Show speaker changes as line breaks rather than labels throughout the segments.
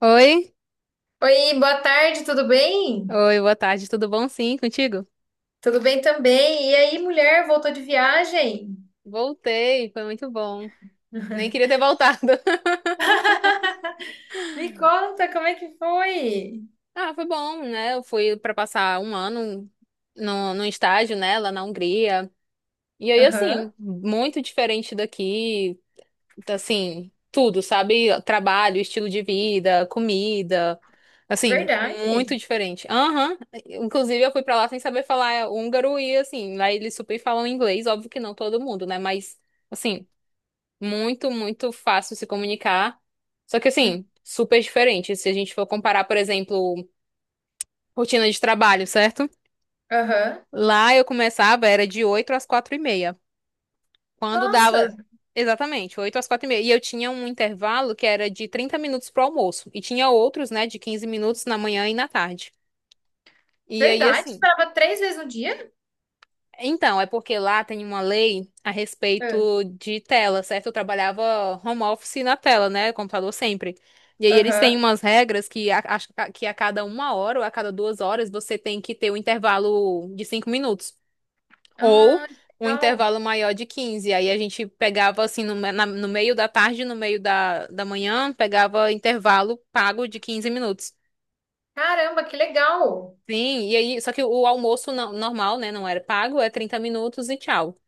Oi,
Oi, boa tarde, tudo bem?
oi, boa tarde, tudo bom? Sim, contigo?
Tudo bem também. E aí, mulher, voltou de viagem?
Voltei, foi muito bom. Nem queria ter voltado.
Me conta, como é que foi?
Ah, foi bom, né? Eu fui pra passar um ano no estágio, né, lá na Hungria. E aí,
Aham,
assim, muito diferente daqui, tá, assim, tudo, sabe? Trabalho, estilo de vida, comida, assim, muito
verdade.
diferente. Aham. Inclusive eu fui pra lá sem saber falar húngaro e, assim, lá eles super falam inglês, óbvio que não todo mundo, né? Mas, assim. Muito, muito fácil se comunicar. Só que
Hum.
assim, super diferente. Se a gente for comparar, por exemplo, rotina de trabalho, certo?
Aham.
Lá eu começava, era de 8h às 4h30. Quando dava,
Nossa,
exatamente, 8h às 4h30. E eu tinha um intervalo que era de 30 minutos pro almoço. E tinha outros, né, de 15 minutos na manhã e na tarde. E aí,
verdade? Você
assim,
parava três vezes no dia?
então, é porque lá tem uma lei a
Ah,
respeito de tela, certo? Eu trabalhava home office na tela, né? Computador sempre. E aí eles têm
aham.
umas regras que acho que a cada 1 hora ou a cada 2 horas você tem que ter um intervalo de 5 minutos. Ou
Ah, que
um
legal.
intervalo maior de 15. Aí a gente pegava assim no meio da tarde, no meio da manhã, pegava intervalo pago de 15 minutos.
Caramba, que legal.
Sim, e aí, só que o almoço normal, né? Não era pago, é 30 minutos e tchau.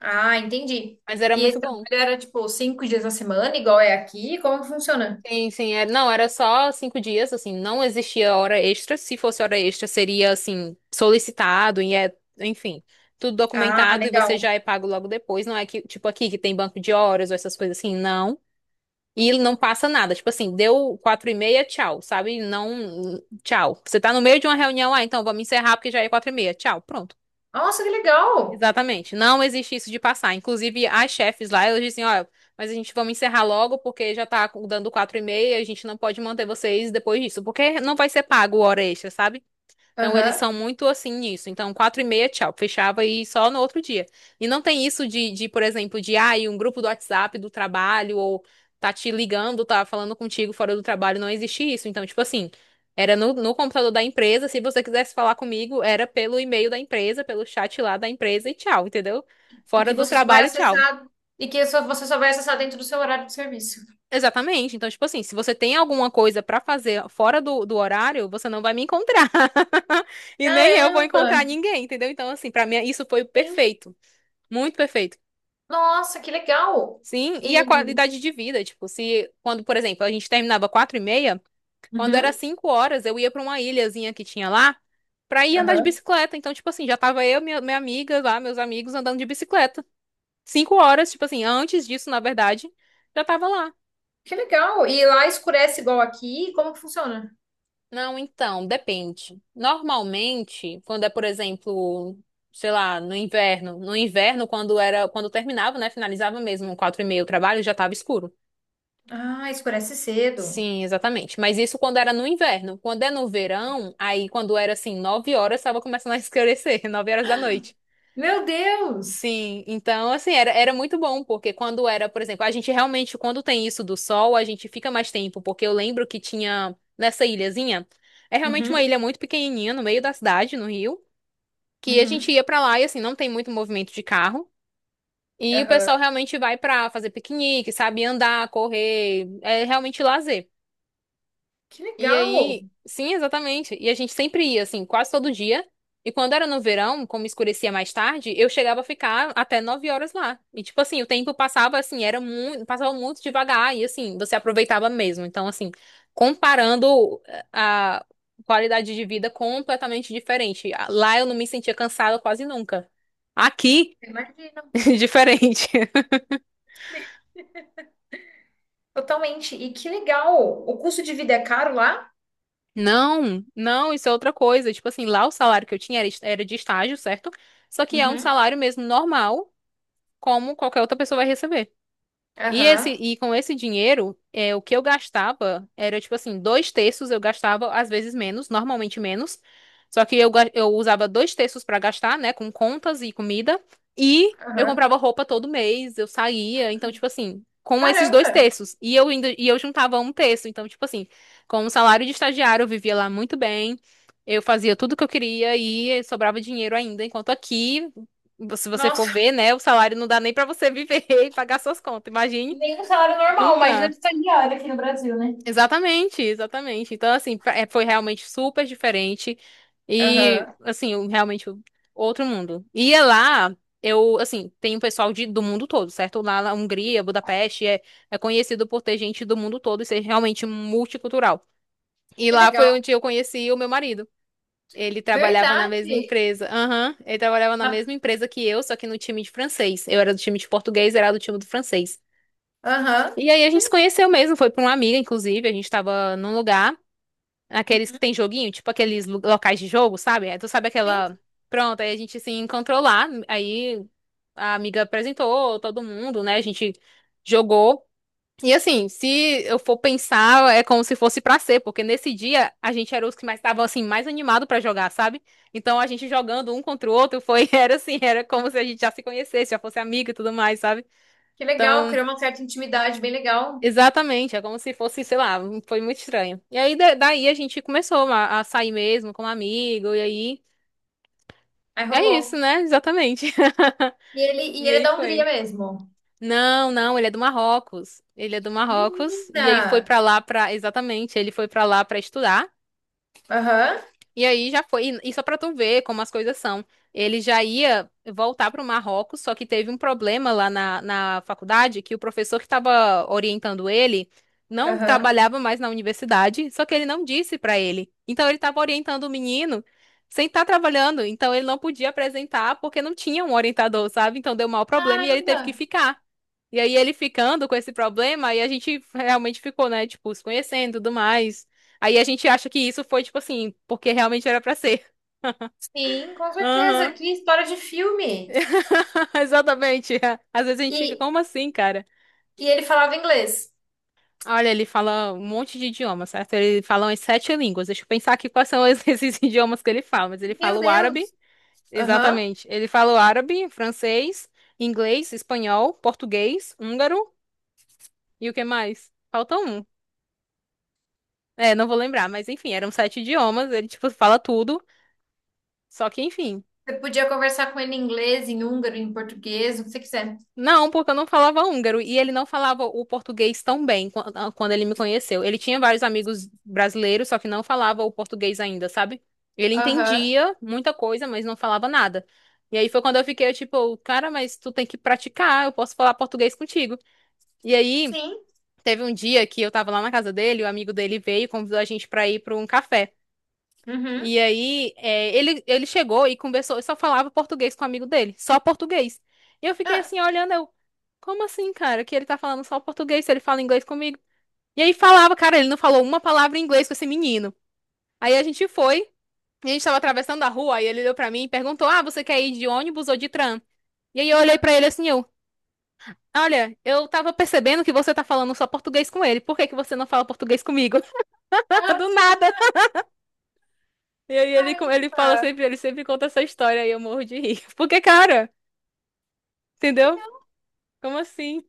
Ah, entendi.
Mas era
E
muito
esse trabalho
bom.
era tipo cinco dias na semana, igual é aqui? Como que funciona?
Sim, sim, é, não, era só 5 dias, assim, não existia hora extra. Se fosse hora extra, seria, assim, solicitado e é, enfim, tudo
Ah,
documentado e você
legal.
já é pago logo depois. Não é que, tipo, aqui que tem banco de horas ou essas coisas assim, não. E não passa nada, tipo assim, deu 4h30, tchau, sabe? Não, tchau. Você tá no meio de uma reunião, ah, então vamos encerrar porque já é 4h30, tchau, pronto.
Nossa, que legal.
Exatamente. Não existe isso de passar. Inclusive, as chefes lá, elas dizem, ó, mas a gente vamos encerrar logo porque já tá dando 4h30, a gente não pode manter vocês depois disso, porque não vai ser pago hora extra, sabe? Então eles
Aham.
são muito assim nisso. Então, 4h30, tchau. Fechava e só no outro dia. E não tem isso de, por exemplo, de ah, e um grupo do WhatsApp do trabalho, ou tá te ligando, tá falando contigo fora do trabalho, não existe isso. Então, tipo assim, era no computador da empresa. Se você quisesse falar comigo, era pelo e-mail da empresa, pelo chat lá da empresa e tchau, entendeu?
E
Fora
que
do
você só vai
trabalho, tchau.
acessar, você só vai acessar dentro do seu horário de serviço.
Exatamente. Então, tipo assim, se você tem alguma coisa pra fazer fora do horário, você não vai me encontrar. E nem eu vou
Caramba!
encontrar ninguém, entendeu? Então, assim, pra mim isso foi
Sim.
perfeito. Muito perfeito.
Nossa, que legal!
Sim, e a
E.
qualidade de vida, tipo, se quando, por exemplo, a gente terminava 4h30, quando era
Uhum,
5h, eu ia pra uma ilhazinha que tinha lá pra ir andar de
aham.
bicicleta. Então, tipo assim, já tava eu, minha amiga lá, meus amigos andando de bicicleta. 5h, tipo assim, antes disso, na verdade, já tava lá.
Que legal! E lá escurece igual aqui? Como que funciona?
Não, então, depende. Normalmente, quando é, por exemplo, sei lá, no inverno, quando era, quando terminava, né, finalizava mesmo, 4h30 o trabalho, já estava escuro.
Ah, escurece cedo.
Sim, exatamente. Mas isso quando era no inverno. Quando é no verão, aí quando era assim, 9h, estava começando a escurecer, 9h da noite.
Meu Deus!
Sim, então assim, era muito bom, porque quando era, por exemplo, a gente realmente, quando tem isso do sol, a gente fica mais tempo, porque eu lembro que tinha nessa ilhazinha, é realmente uma
Uhum,
ilha muito pequenininha, no meio da cidade, no Rio, que a gente
uhum,
ia pra lá e assim, não tem muito movimento de carro, e o
aham.
pessoal realmente vai pra fazer piquenique, sabe, andar, correr, é realmente lazer.
Que
E
legal!
aí, sim, exatamente. E a gente sempre ia, assim, quase todo dia. E quando era no verão, como escurecia mais tarde, eu chegava a ficar até 9h lá. E tipo assim, o tempo passava assim, era muito, passava muito devagar e assim, você aproveitava mesmo. Então, assim, comparando a qualidade de vida completamente diferente. Lá eu não me sentia cansada quase nunca. Aqui,
Imagina.
diferente.
Totalmente. E que legal! O custo de vida é caro lá?
Não, não, isso é outra coisa. Tipo assim, lá o salário que eu tinha era de estágio, certo? Só que é um
Uhum,
salário mesmo normal, como qualquer outra pessoa vai receber. E esse,
aham,
e com esse dinheiro, é, o que eu gastava era tipo assim, dois terços eu gastava, às vezes menos, normalmente menos. Só que eu usava dois terços pra gastar, né, com contas e comida. E eu
aham.
comprava roupa todo mês, eu saía. Então, tipo assim, com esses dois
Caramba!
terços. E eu juntava um terço. Então, tipo assim, com o salário de estagiário, eu vivia lá muito bem. Eu fazia tudo que eu queria e sobrava dinheiro ainda. Enquanto aqui, se você for
Nossa!
ver, né, o salário não dá nem pra você viver e pagar suas contas. Imagine.
Nem um salário
Não
normal, mas não é
tá.
estagiário aqui no Brasil, né?
Exatamente, exatamente. Então, assim, foi realmente super diferente. E,
Aham,
assim, realmente outro mundo. E é lá, eu, assim, tem um pessoal do mundo todo, certo? Lá na Hungria, Budapeste, é conhecido por ter gente do mundo todo e ser realmente multicultural. E
que
lá
legal.
foi onde eu conheci o meu marido. Ele trabalhava na mesma
Verdade.
empresa. Aham, ele trabalhava na
Na-
mesma empresa que eu, só que no time de francês. Eu era do time de português, era do time do francês.
aham,
E aí a gente
que,
se conheceu mesmo, foi pra uma amiga, inclusive, a gente tava num lugar, aqueles que tem joguinho, tipo aqueles locais de jogo, sabe? Aí tu sabe
sim,
aquela. Pronto, aí a gente se encontrou lá, aí a amiga apresentou todo mundo, né? A gente jogou. E assim, se eu for pensar, é como se fosse pra ser, porque nesse dia a gente era os que mais estavam assim, mais animado pra jogar, sabe? Então a gente jogando um contra o outro foi, era assim, era como se a gente já se conhecesse, já fosse amigo e tudo mais, sabe?
que legal.
Então.
Criou uma certa intimidade, bem legal.
Exatamente, é como se fosse, sei lá, um, foi muito estranho. E aí, daí a gente começou a sair mesmo como amigo, e aí,
Aí
é isso,
rolou.
né? Exatamente.
E
E
ele é
aí
da Hungria
foi.
mesmo.
Não, não, ele é do Marrocos. Ele é do Marrocos, e aí
Menina!
foi pra lá exatamente, ele foi pra lá pra estudar.
Aham,
E aí já foi, e só pra tu ver como as coisas são. Ele já ia voltar pro Marrocos, só que teve um problema lá na faculdade, que o professor que estava orientando ele não
aham.
trabalhava mais na universidade, só que ele não disse pra ele. Então ele estava orientando o menino sem estar trabalhando, então ele não podia apresentar porque não tinha um orientador, sabe? Então deu mau problema e ele teve que
Caramba!
ficar. E aí ele ficando com esse problema, aí a gente realmente ficou, né, tipo, se conhecendo e tudo mais. Aí a gente acha que isso foi, tipo assim, porque realmente era pra ser.
Sim, com certeza.
Aham.
Que história de filme.
Exatamente. Às vezes a gente fica,
E,
como assim, cara?
e ele falava inglês.
Olha, ele fala um monte de idiomas, certo? Ele fala umas 7 línguas. Deixa eu pensar aqui quais são esses idiomas que ele fala. Mas ele
Meu
fala o árabe,
Deus! Aham.
exatamente. Ele fala o árabe, francês, inglês, espanhol, português, húngaro e o que mais? Falta um. É, não vou lembrar, mas enfim, eram 7 idiomas. Ele, tipo, fala tudo. Só que, enfim.
Você podia conversar com ele em inglês, em húngaro, em português, o que você quiser.
Não, porque eu não falava húngaro e ele não falava o português tão bem quando ele me conheceu. Ele tinha vários amigos brasileiros, só que não falava o português ainda, sabe? Ele
Aham.
entendia muita coisa, mas não falava nada. E aí foi quando eu fiquei tipo, cara, mas tu tem que praticar, eu posso falar português contigo. E aí
Sim.
teve um dia que eu tava lá na casa dele, o amigo dele veio e convidou a gente pra ir pra um café.
Uhum.
E aí, é, ele chegou e conversou, e só falava português com o amigo dele, só português. E eu fiquei assim, olhando, eu, como assim, cara, que ele tá falando só português, se ele fala inglês comigo? E aí falava, cara, ele não falou uma palavra em inglês com esse menino. Aí a gente foi, e a gente tava atravessando a rua, aí ele olhou pra mim e perguntou, ah, você quer ir de ônibus ou de tram? E aí eu olhei pra ele assim, eu, olha, eu tava percebendo que você tá falando só português com ele, por que que você não fala português comigo? Do nada. E aí ele fala
Caramba!
sempre, ele sempre conta essa história e eu morro de rir. Porque, cara, entendeu?
Então,
Como assim?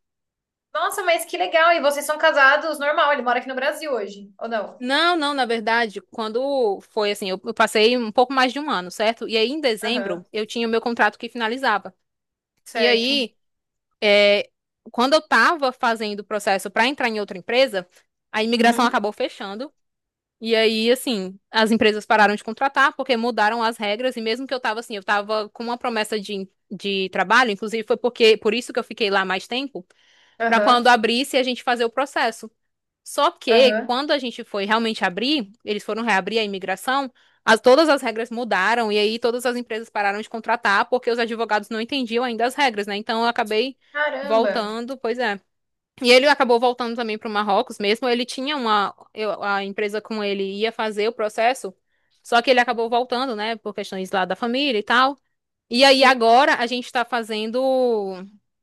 nossa, mas que legal! E vocês são casados normal? Ele mora aqui no Brasil hoje, ou não?
Não, não, na verdade, quando foi assim, eu passei um pouco mais de um ano, certo? E aí, em
Aham,
dezembro, eu tinha o meu contrato que finalizava. E
certo.
aí, é, quando eu tava fazendo o processo para entrar em outra empresa, a imigração
Uhum.
acabou fechando. E aí, assim, as empresas pararam de contratar porque mudaram as regras. E mesmo que eu tava assim, eu tava com uma promessa de trabalho, inclusive foi porque por isso que eu fiquei lá mais tempo. Para
Aham,
quando abrisse a gente fazer o processo. Só que
aham.
quando a gente foi realmente abrir, eles foram reabrir a imigração, todas as regras mudaram e aí todas as empresas pararam de contratar porque os advogados não entendiam ainda as regras, né? Então eu acabei
Caramba!
voltando, pois é. E ele acabou voltando também para o Marrocos mesmo. Ele tinha uma, a empresa com ele ia fazer o processo, só que ele acabou voltando, né, por questões lá da família e tal. E aí
Sim.
agora a gente está fazendo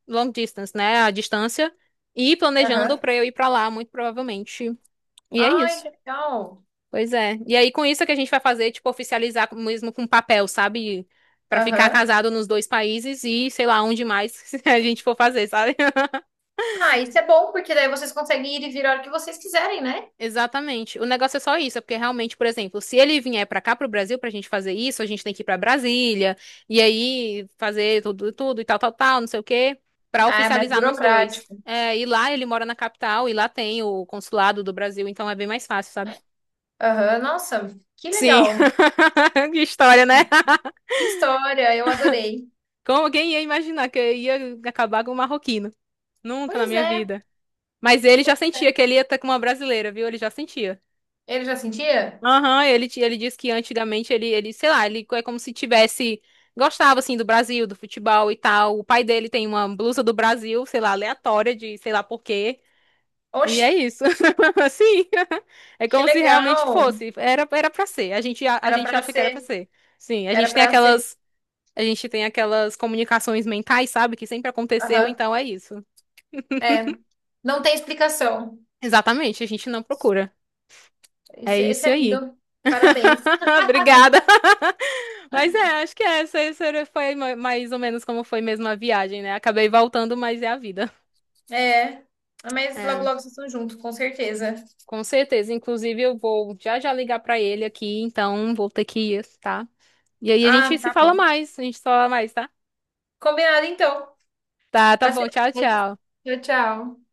long distance, né? A distância e
Aham.
planejando para eu ir para lá, muito provavelmente. E é
Ai,
isso.
que legal!
Pois é. E aí com isso é que a gente vai fazer, tipo, oficializar mesmo com papel, sabe? Para ficar
Aham.
casado nos dois países e sei lá onde mais a gente for fazer, sabe?
Ah, isso é bom, porque daí vocês conseguem ir e vir a hora que vocês quiserem, né?
Exatamente. O negócio é só isso, é porque realmente, por exemplo, se ele vier pra cá pro Brasil pra gente fazer isso, a gente tem que ir pra Brasília e aí fazer tudo, tudo e tal, tal, tal, não sei o quê, pra
Ah, é mais
oficializar nos dois.
burocrático.
É, e lá ele mora na capital e lá tem o consulado do Brasil, então é bem mais fácil, sabe?
Aham, nossa, que
Sim.
legal!
Que história, né?
Que história, eu adorei.
Como quem ia imaginar que eu ia acabar com um marroquino? Nunca na
Pois
minha
é,
vida. Mas ele já sentia que ele ia estar com uma brasileira, viu? Ele já sentia.
ele já sentia?
Aham, ele disse que antigamente ele, sei lá, ele é como se tivesse, gostava assim do Brasil, do futebol e tal. O pai dele tem uma blusa do Brasil, sei lá, aleatória de sei lá por quê. E
Oxe,
é isso. Assim, é
que
como se realmente
legal!
fosse. Era pra ser. A
Era
gente
pra
acha que era pra
ser.
ser. Sim, a
Era
gente tem
pra ser.
aquelas, a gente tem aquelas comunicações mentais, sabe, que sempre aconteceu,
Aham.
então é isso.
É. Não tem explicação.
Exatamente, a gente não procura. É
Esse
isso
é
aí.
lindo. Parabéns.
Obrigada. Mas é, acho que essa foi mais ou menos como foi mesmo a viagem, né? Acabei voltando, mas é a vida.
É. Mas logo,
É,
logo vocês estão juntos, com certeza.
com certeza. Inclusive, eu vou já já ligar pra ele aqui, então vou ter que ir, tá? E aí
Ah, tá bom.
a gente se fala mais, tá?
Combinado, então.
Tá, tá
Até
bom. Tchau,
mais.
tchau.
Tchau, tchau.